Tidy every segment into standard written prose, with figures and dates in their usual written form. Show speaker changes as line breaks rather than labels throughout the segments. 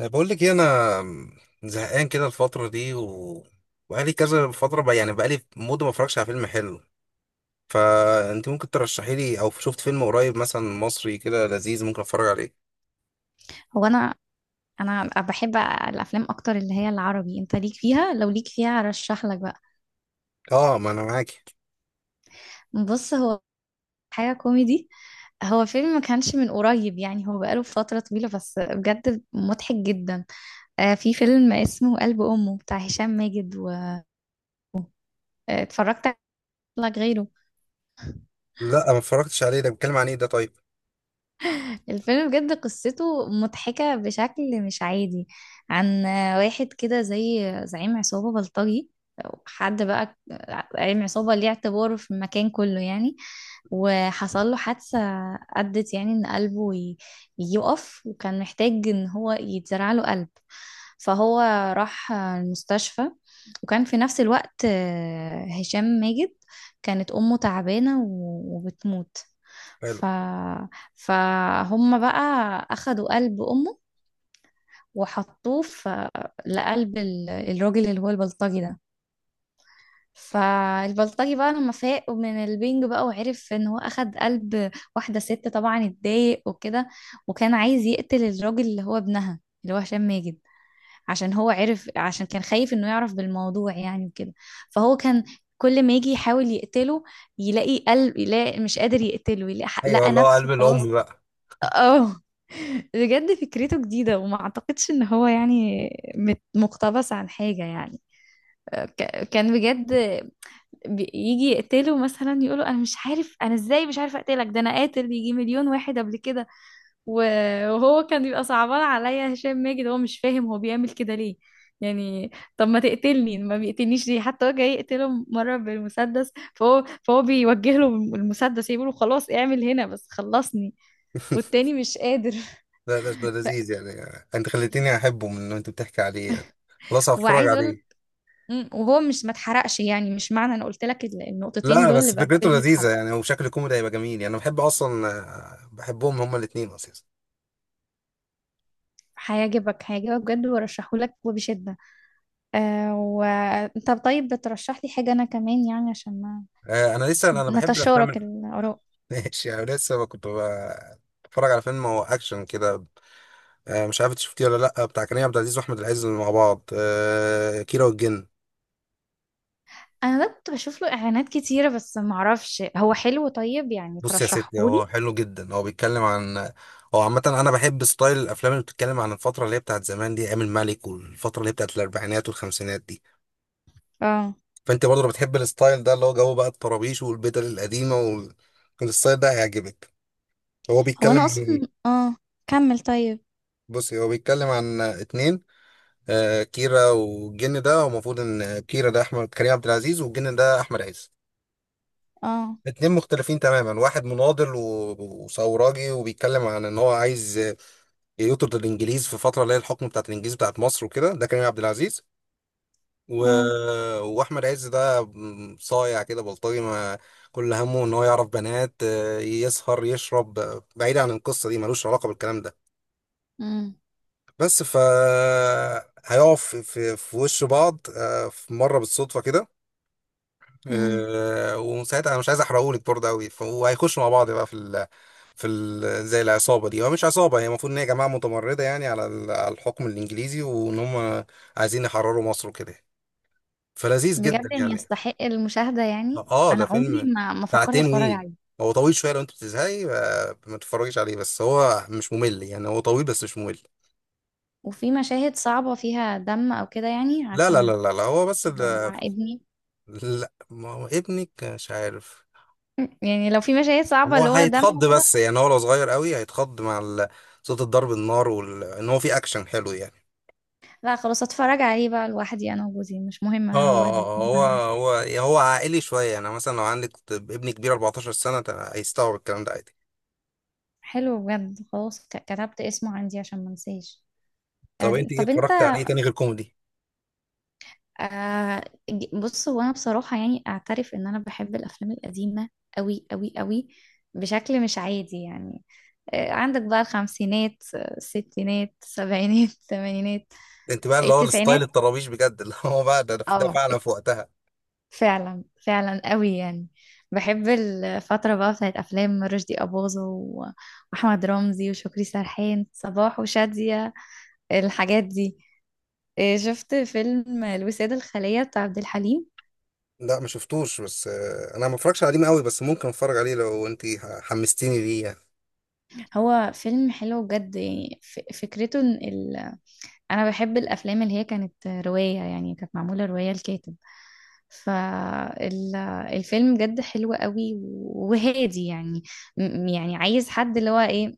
بقول لك إيه، انا زهقان كده الفتره دي و... وبقالي كذا فتره بقى، يعني بقالي مده ما اتفرجش على فيلم حلو. فانت ممكن ترشحي لي، او شفت فيلم قريب مثلا مصري كده لذيذ ممكن اتفرج عليه؟
هو انا انا بحب الافلام اكتر اللي هي العربي. انت ليك فيها؟ لو ليك فيها ارشح لك بقى.
اه، ما انا معاكي.
بص هو حاجه كوميدي. هو فيلم ما كانش من قريب، يعني هو بقاله فتره طويله بس بجد مضحك جدا. آه، في فيلم اسمه قلب امه بتاع هشام ماجد واتفرجت عليه غيره.
لا، ما اتفرجتش عليه. ده بيتكلم عن ايه ده طيب؟
الفيلم بجد قصته مضحكة بشكل مش عادي. عن واحد كده زي زعيم عصابة بلطجي، أو حد بقى زعيم عصابة ليه اعتباره في المكان كله يعني. وحصل له حادثة أدت يعني إن قلبه يقف، وكان محتاج إن هو يتزرع له قلب. فهو راح المستشفى، وكان في نفس الوقت هشام ماجد كانت أمه تعبانة وبتموت.
حلو.
ف... فهم بقى أخدوا قلب أمه وحطوه في، لقلب الراجل اللي هو البلطجي ده. فالبلطجي بقى لما فاق من البنج بقى وعرف ان هو اخد قلب واحدة ست، طبعا اتضايق وكده. وكان عايز يقتل الراجل اللي هو ابنها اللي هو هشام ماجد، عشان هو عرف، عشان كان خايف انه يعرف بالموضوع يعني وكده. فهو كان كل ما يجي يحاول يقتله، يلاقي قلب، يلاقي مش قادر يقتله، يلاقي
ايوه،
لقى
اللي هو
نفسه
قلب
خلاص.
الام بقى.
اه، بجد فكرته جديدة وما اعتقدش ان هو يعني مقتبس عن حاجة يعني. كان بجد بيجي يقتله مثلا، يقوله انا مش عارف انا ازاي مش عارف اقتلك، ده انا قاتل يجي مليون واحد قبل كده. وهو كان بيبقى صعبان عليا هشام ماجد، هو مش فاهم هو بيعمل كده ليه يعني. طب ما تقتلني، ما بيقتلنيش ليه؟ حتى هو جاي يقتله مرة بالمسدس، فهو بيوجه له المسدس يقول له خلاص اعمل هنا بس خلصني. والتاني مش قادر.
لا لا، ده لذيذ يعني. انت خليتيني احبه من انت بتحكي عليه يعني. خلاص، هتفرج
وعايز اقول،
عليه.
وهو مش ما اتحرقش يعني، مش معنى انا قلت لك النقطتين
لا
دول
بس
يبقى
فكرته
الفيلم
لذيذه
اتحرق.
يعني، وشكل كوميدي هيبقى جميل يعني. انا بحب اصلا، بحبهم هما الاثنين اصلا.
هيعجبك هيعجبك بجد، وارشحه لك وبشدة. آه، وانت طيب بترشح لي حاجة انا كمان يعني، عشان ما
انا لسه، انا بحب الافلام
نتشارك الاراء.
ماشي، انا لسه بتفرج على فيلم هو اكشن كده. مش عارف إنت شفتيه ولا لا، بتاع كريم عبد العزيز واحمد العز مع بعض، كيرة والجن.
انا ده كنت بشوف له اعلانات كتيرة، بس ما اعرفش هو حلو. طيب يعني
بص يا
ترشحه
ستي،
لي.
هو حلو جدا. هو بيتكلم عن، هو عامة أنا بحب ستايل الأفلام اللي بتتكلم عن الفترة اللي هي بتاعت زمان دي، أيام الملك والفترة اللي هي بتاعت الأربعينات والخمسينات دي.
اه،
فأنت برضه لو بتحب الستايل ده، اللي هو جو بقى الطرابيش والبدل القديمة والستايل ده، هيعجبك. هو
هو
بيتكلم
انا
عن
اصلا.
إيه؟
اه كمل طيب.
بصي، هو بيتكلم عن اتنين. كيرا والجن، ده هو المفروض ان كيرا ده احمد كريم عبد العزيز، والجن ده احمد عز.
اه.
اتنين مختلفين تماما. واحد مناضل وثوراجي، وبيتكلم عن ان هو عايز، يطرد الانجليز في فتره اللي هي الحكم بتاعت الانجليز بتاعت مصر وكده، ده كريم عبد العزيز. و...
اه.
واحمد عز ده، صايع كده بلطجي، ما كل همه ان هو يعرف بنات، يسهر يشرب، بعيد عن القصه دي ملوش علاقه بالكلام ده.
امم.
بس ف هيقف في وش بعض، في مره بالصدفه كده.
امم.
أه، ومن ساعتها انا مش عايز احرقهولك برضه قوي. وهيخشوا مع بعض بقى في زي العصابه دي، هو مش عصابه، هي المفروض ان هي جماعه متمرده يعني على على الحكم الانجليزي، وان هم عايزين يحرروا مصر وكده. فلذيذ جدا
بجد يعني
يعني.
يستحق المشاهدة يعني.
اه،
انا
ده
عمري
فيلم
ما فكرت
ساعتين
اتفرج
وي،
عليه.
هو طويل شويه. لو انت بتزهقي، ما تتفرجيش عليه. بس هو مش ممل يعني، هو طويل بس مش ممل.
وفي مشاهد صعبة فيها دم أو كده يعني؟
لا لا لا
عشان
لا, لا، هو بس
لو مع ابني.
لا، ما هو ابنك مش عارف.
يعني لو في مشاهد صعبة
هو
اللي هو دم
هيتخض،
وكده.
بس يعني هو لو صغير قوي هيتخض مع صوت الضرب، النار، وال... ان هو في اكشن حلو يعني.
لا، خلاص اتفرج عليه بقى لوحدي. أنا وجوزي، مش مهم
اه،
هو بيكون
هو
معايا.
هو هو عائلي شويه يعني. مثلا لو عندك ابن كبير 14 سنه، هيستوعب الكلام ده عادي.
حلو بجد، خلاص كتبت اسمه عندي عشان ما انساش.
طب انت ايه،
طب انت.
اتفرجت على ايه تاني غير كوميدي؟
آه، بص هو انا بصراحة يعني اعترف ان انا بحب الافلام القديمة، قوي قوي قوي بشكل مش عادي يعني. عندك بقى الخمسينات، الستينات، السبعينات، الثمانينات،
انت بقى اللي هو
التسعينات.
الستايل الطرابيش بجد، اللي هو بقى ده
اه،
فعلا في وقتها.
فعلا فعلا قوي يعني. بحب الفترة بقى بتاعت أفلام رشدي أباظة وأحمد رمزي وشكري سرحان، صباح وشادية، الحاجات دي. إيه، شفت فيلم الوسادة الخالية بتاع عبد الحليم؟
لا، ما شفتوش. بس انا ما اتفرجش عليه قوي، بس ممكن اتفرج عليه لو انت حمستيني ليه يعني.
هو فيلم حلو بجد يعني، فكرته إن أنا بحب الأفلام اللي هي كانت رواية يعني، كانت معمولة رواية الكاتب. فالفيلم بجد حلو قوي وهادي يعني. يعني عايز حد اللي هو إيه،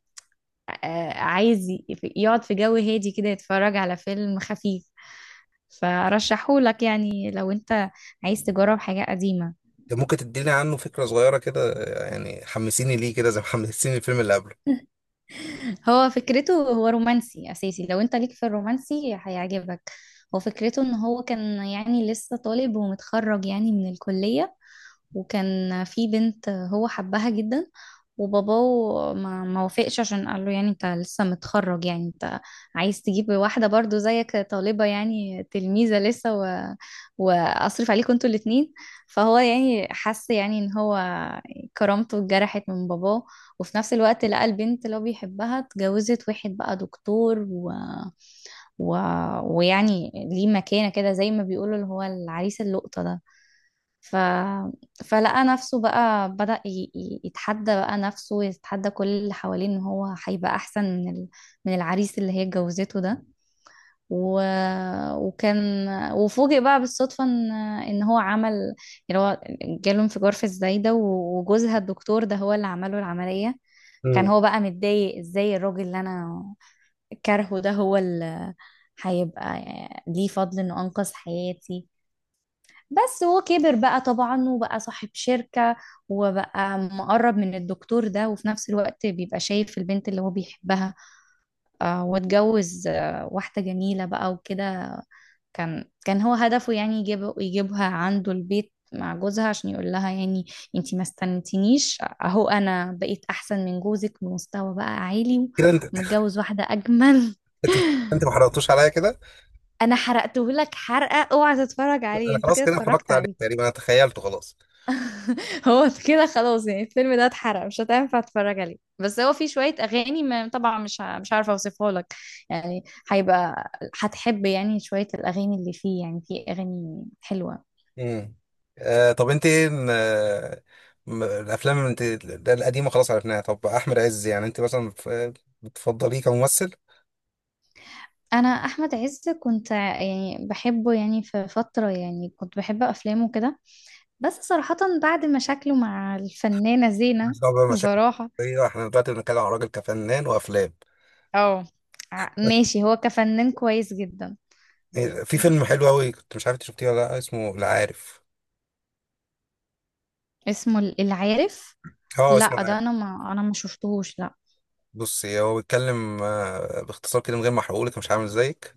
عايز يقعد في جو هادي كده يتفرج على فيلم خفيف. فرشحهولك يعني، لو انت عايز تجرب حاجة قديمة.
ده ممكن تديني عنه فكره صغيره كده، يعني حمسيني ليه كده، زي ما حمسيني الفيلم اللي قبله.
هو فكرته هو رومانسي أساسي، لو انت ليك في الرومانسي هيعجبك. هو فكرته ان هو كان، يعني لسه طالب ومتخرج يعني من الكلية، وكان في بنت هو حبها جدا، وباباه ما وافقش، عشان قال له يعني انت لسه متخرج، يعني انت عايز تجيب واحدة برضو زيك طالبة يعني تلميذة لسه، واصرف عليكم انتوا الاتنين. فهو يعني حس يعني ان هو كرامته اتجرحت من باباه. وفي نفس الوقت لقى البنت اللي هو بيحبها اتجوزت واحد بقى دكتور، و... ويعني ليه مكانة كده زي ما بيقولوا اللي هو العريس اللقطة ده. ف... فلقى نفسه بقى بدأ يتحدى بقى نفسه، يتحدى كل اللي حواليه ان هو هيبقى احسن من من العريس اللي هي اتجوزته ده. و... وكان وفوجئ بقى بالصدفة ان هو عمل، يعني هو جاله انفجار في الزايدة، وجوزها الدكتور ده هو اللي عمله العملية. كان
مم.
هو بقى متضايق، ازاي الراجل اللي انا كارهه ده هو اللي هيبقى ليه فضل انه انقذ حياتي. بس هو كبر بقى طبعا وبقى صاحب شركة، وبقى مقرب من الدكتور ده، وفي نفس الوقت بيبقى شايف البنت اللي هو بيحبها. واتجوز واحدة جميلة بقى وكده. كان هو هدفه يعني يجيبها عنده البيت مع جوزها، عشان يقول لها يعني انتي ما استنتينيش، اهو انا بقيت احسن من جوزك بمستوى بقى عالي،
كده انت،
ومتجوز واحدة اجمل.
انت انت ما حرقتوش عليا كده.
انا حرقته لك حرقة، اوعى تتفرج عليه.
انا
انت
خلاص
كده
كده
اتفرجت
اتفرجت عليه
عليه.
تقريبا، انا تخيلته خلاص.
هو كده خلاص يعني، الفيلم ده اتحرق مش هتنفع تتفرج عليه. بس هو فيه شوية أغاني، ما طبعا مش عارفة أوصفها لك يعني. هيبقى هتحب يعني شوية الأغاني اللي فيه، يعني فيه أغاني حلوة.
امم. آه، طب انت ايه الافلام اللي انت، القديمه خلاص عرفناها. طب احمد عز، يعني انت مثلا بتفضليه كممثل؟
أنا أحمد عز كنت يعني بحبه يعني في فترة، يعني كنت بحب أفلامه كده. بس صراحة بعد مشاكله مع الفنانة زينة،
مش دعوه بقى مشاكل
بصراحة.
شخصيه، احنا دلوقتي بنتكلم عن راجل كفنان وافلام.
اه، ماشي، هو كفنان كويس جدا.
في
بس،
فيلم حلو قوي، كنت مش عارف انت شفتيه ولا لا، اسمه العارف.
اسمه العارف؟
اه، اسمه
لا،
العارف.
ده انا ما شفتهوش، لا.
بص، هو بيتكلم، باختصار كده من غير ما احرقهولك، مش عامل زيك.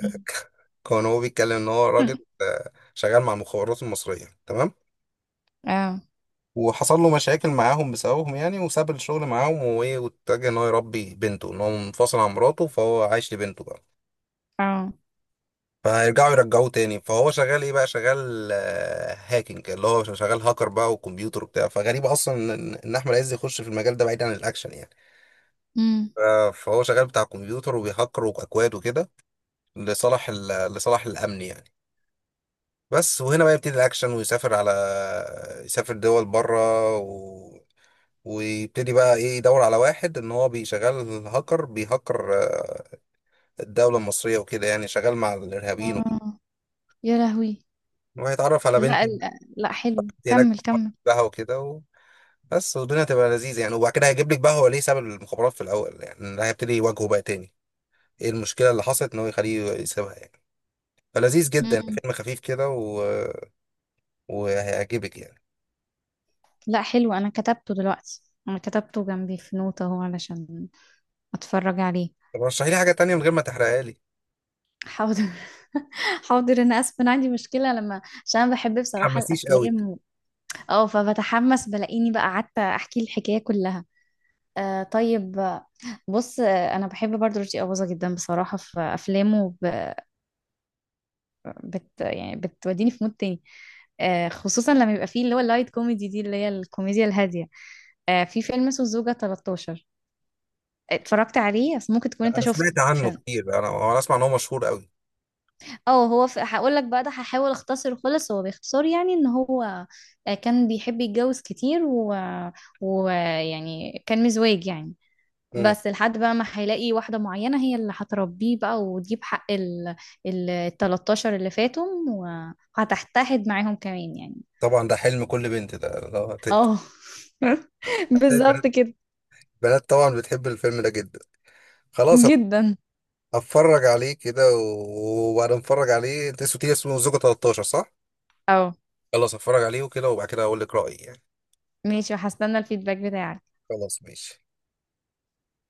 كان هو بيتكلم ان هو راجل، شغال مع المخابرات المصريه، تمام؟
اه.
وحصل له مشاكل معاهم بسببهم يعني، وساب الشغل معاهم. وإيه، واتجه ان هو يربي بنته، ان هو منفصل عن مراته فهو عايش لبنته بقى.
اه.
فيرجعوا يرجعوه تاني. فهو شغال ايه بقى، شغال هاكينج، اللي هو شغال هاكر بقى وكمبيوتر وبتاع. فغريب اصلا ان إن احمد عز يخش في المجال ده بعيد عن الاكشن يعني.
امم.
ف- فهو شغال بتاع كمبيوتر، وبيهكر واكواد وكده، لصالح لصالح الامن يعني. بس وهنا بقى يبتدي الاكشن، ويسافر على، يسافر دول بره، ويبتدي بقى ايه، يدور على واحد ان هو بيشغل هاكر، بيهكر، الدولة المصرية وكده، يعني شغال مع الارهابيين وكده.
اه يا لهوي.
وهيتعرف على بنت
لا، لا، حلو
هناك
كمل كمل.
بقى وكده. بس والدنيا تبقى لذيذة يعني. وبعد كده هيجيب لك بقى هو ليه ساب المخابرات في الاول يعني، ده هيبتدي يواجهه بقى تاني، ايه المشكلة اللي حصلت ان هو يخليه يسيبها يعني. فلذيذ جدا،
امم.
فيلم خفيف كده وهيعجبك يعني.
لا، حلو انا كتبته دلوقتي. انا كتبته جنبي في نوتة اهو، علشان اتفرج عليه.
طب رشحي لي حاجة تانية من غير ما تحرقها لي.
حاضر. حاضر، انا اسف انا عندي مشكله، لما عشان انا بحب بصراحه
حماسيش قوي.
الافلام اه فبتحمس، بلاقيني بقى قعدت احكي الحكايه كلها. طيب، بص، انا بحب برضو رشدي اباظه جدا بصراحه في افلامه. يعني بتوديني في مود تاني. خصوصا لما يبقى فيه اللي هو اللايت كوميدي دي اللي هي الكوميديا الهادية. في فيلم اسمه الزوجة 13، اتفرجت عليه بس ممكن تكون
لا،
انت
انا
شفته
سمعت عنه
عشان.
كتير، انا انا اسمع ان هو مشهور قوي.
اه، هقول لك بقى ده، هحاول اختصره خالص. هو باختصار يعني ان هو كان بيحب يتجوز كتير، ويعني كان مزواج يعني.
امم.
بس لحد بقى ما هيلاقي واحدة معينة هي اللي هتربيه بقى وتجيب حق ال 13 اللي فاتهم، وهتحتحد معاهم كمان يعني.
طبعا ده حلم كل بنت،
اه، بالظبط
البنات
كده.
البنات طبعا بتحب الفيلم ده جدا. خلاص أنا
جدا.
اتفرج عليه كده، وبعد ما اتفرج عليه، انت اسمه، اسمه زوجة 13، صح؟
اه
خلاص اتفرج عليه وكده، وبعد كده اقول لك رأيي يعني.
ماشي، وهستنى الفيدباك بتاعك.
خلاص، ماشي.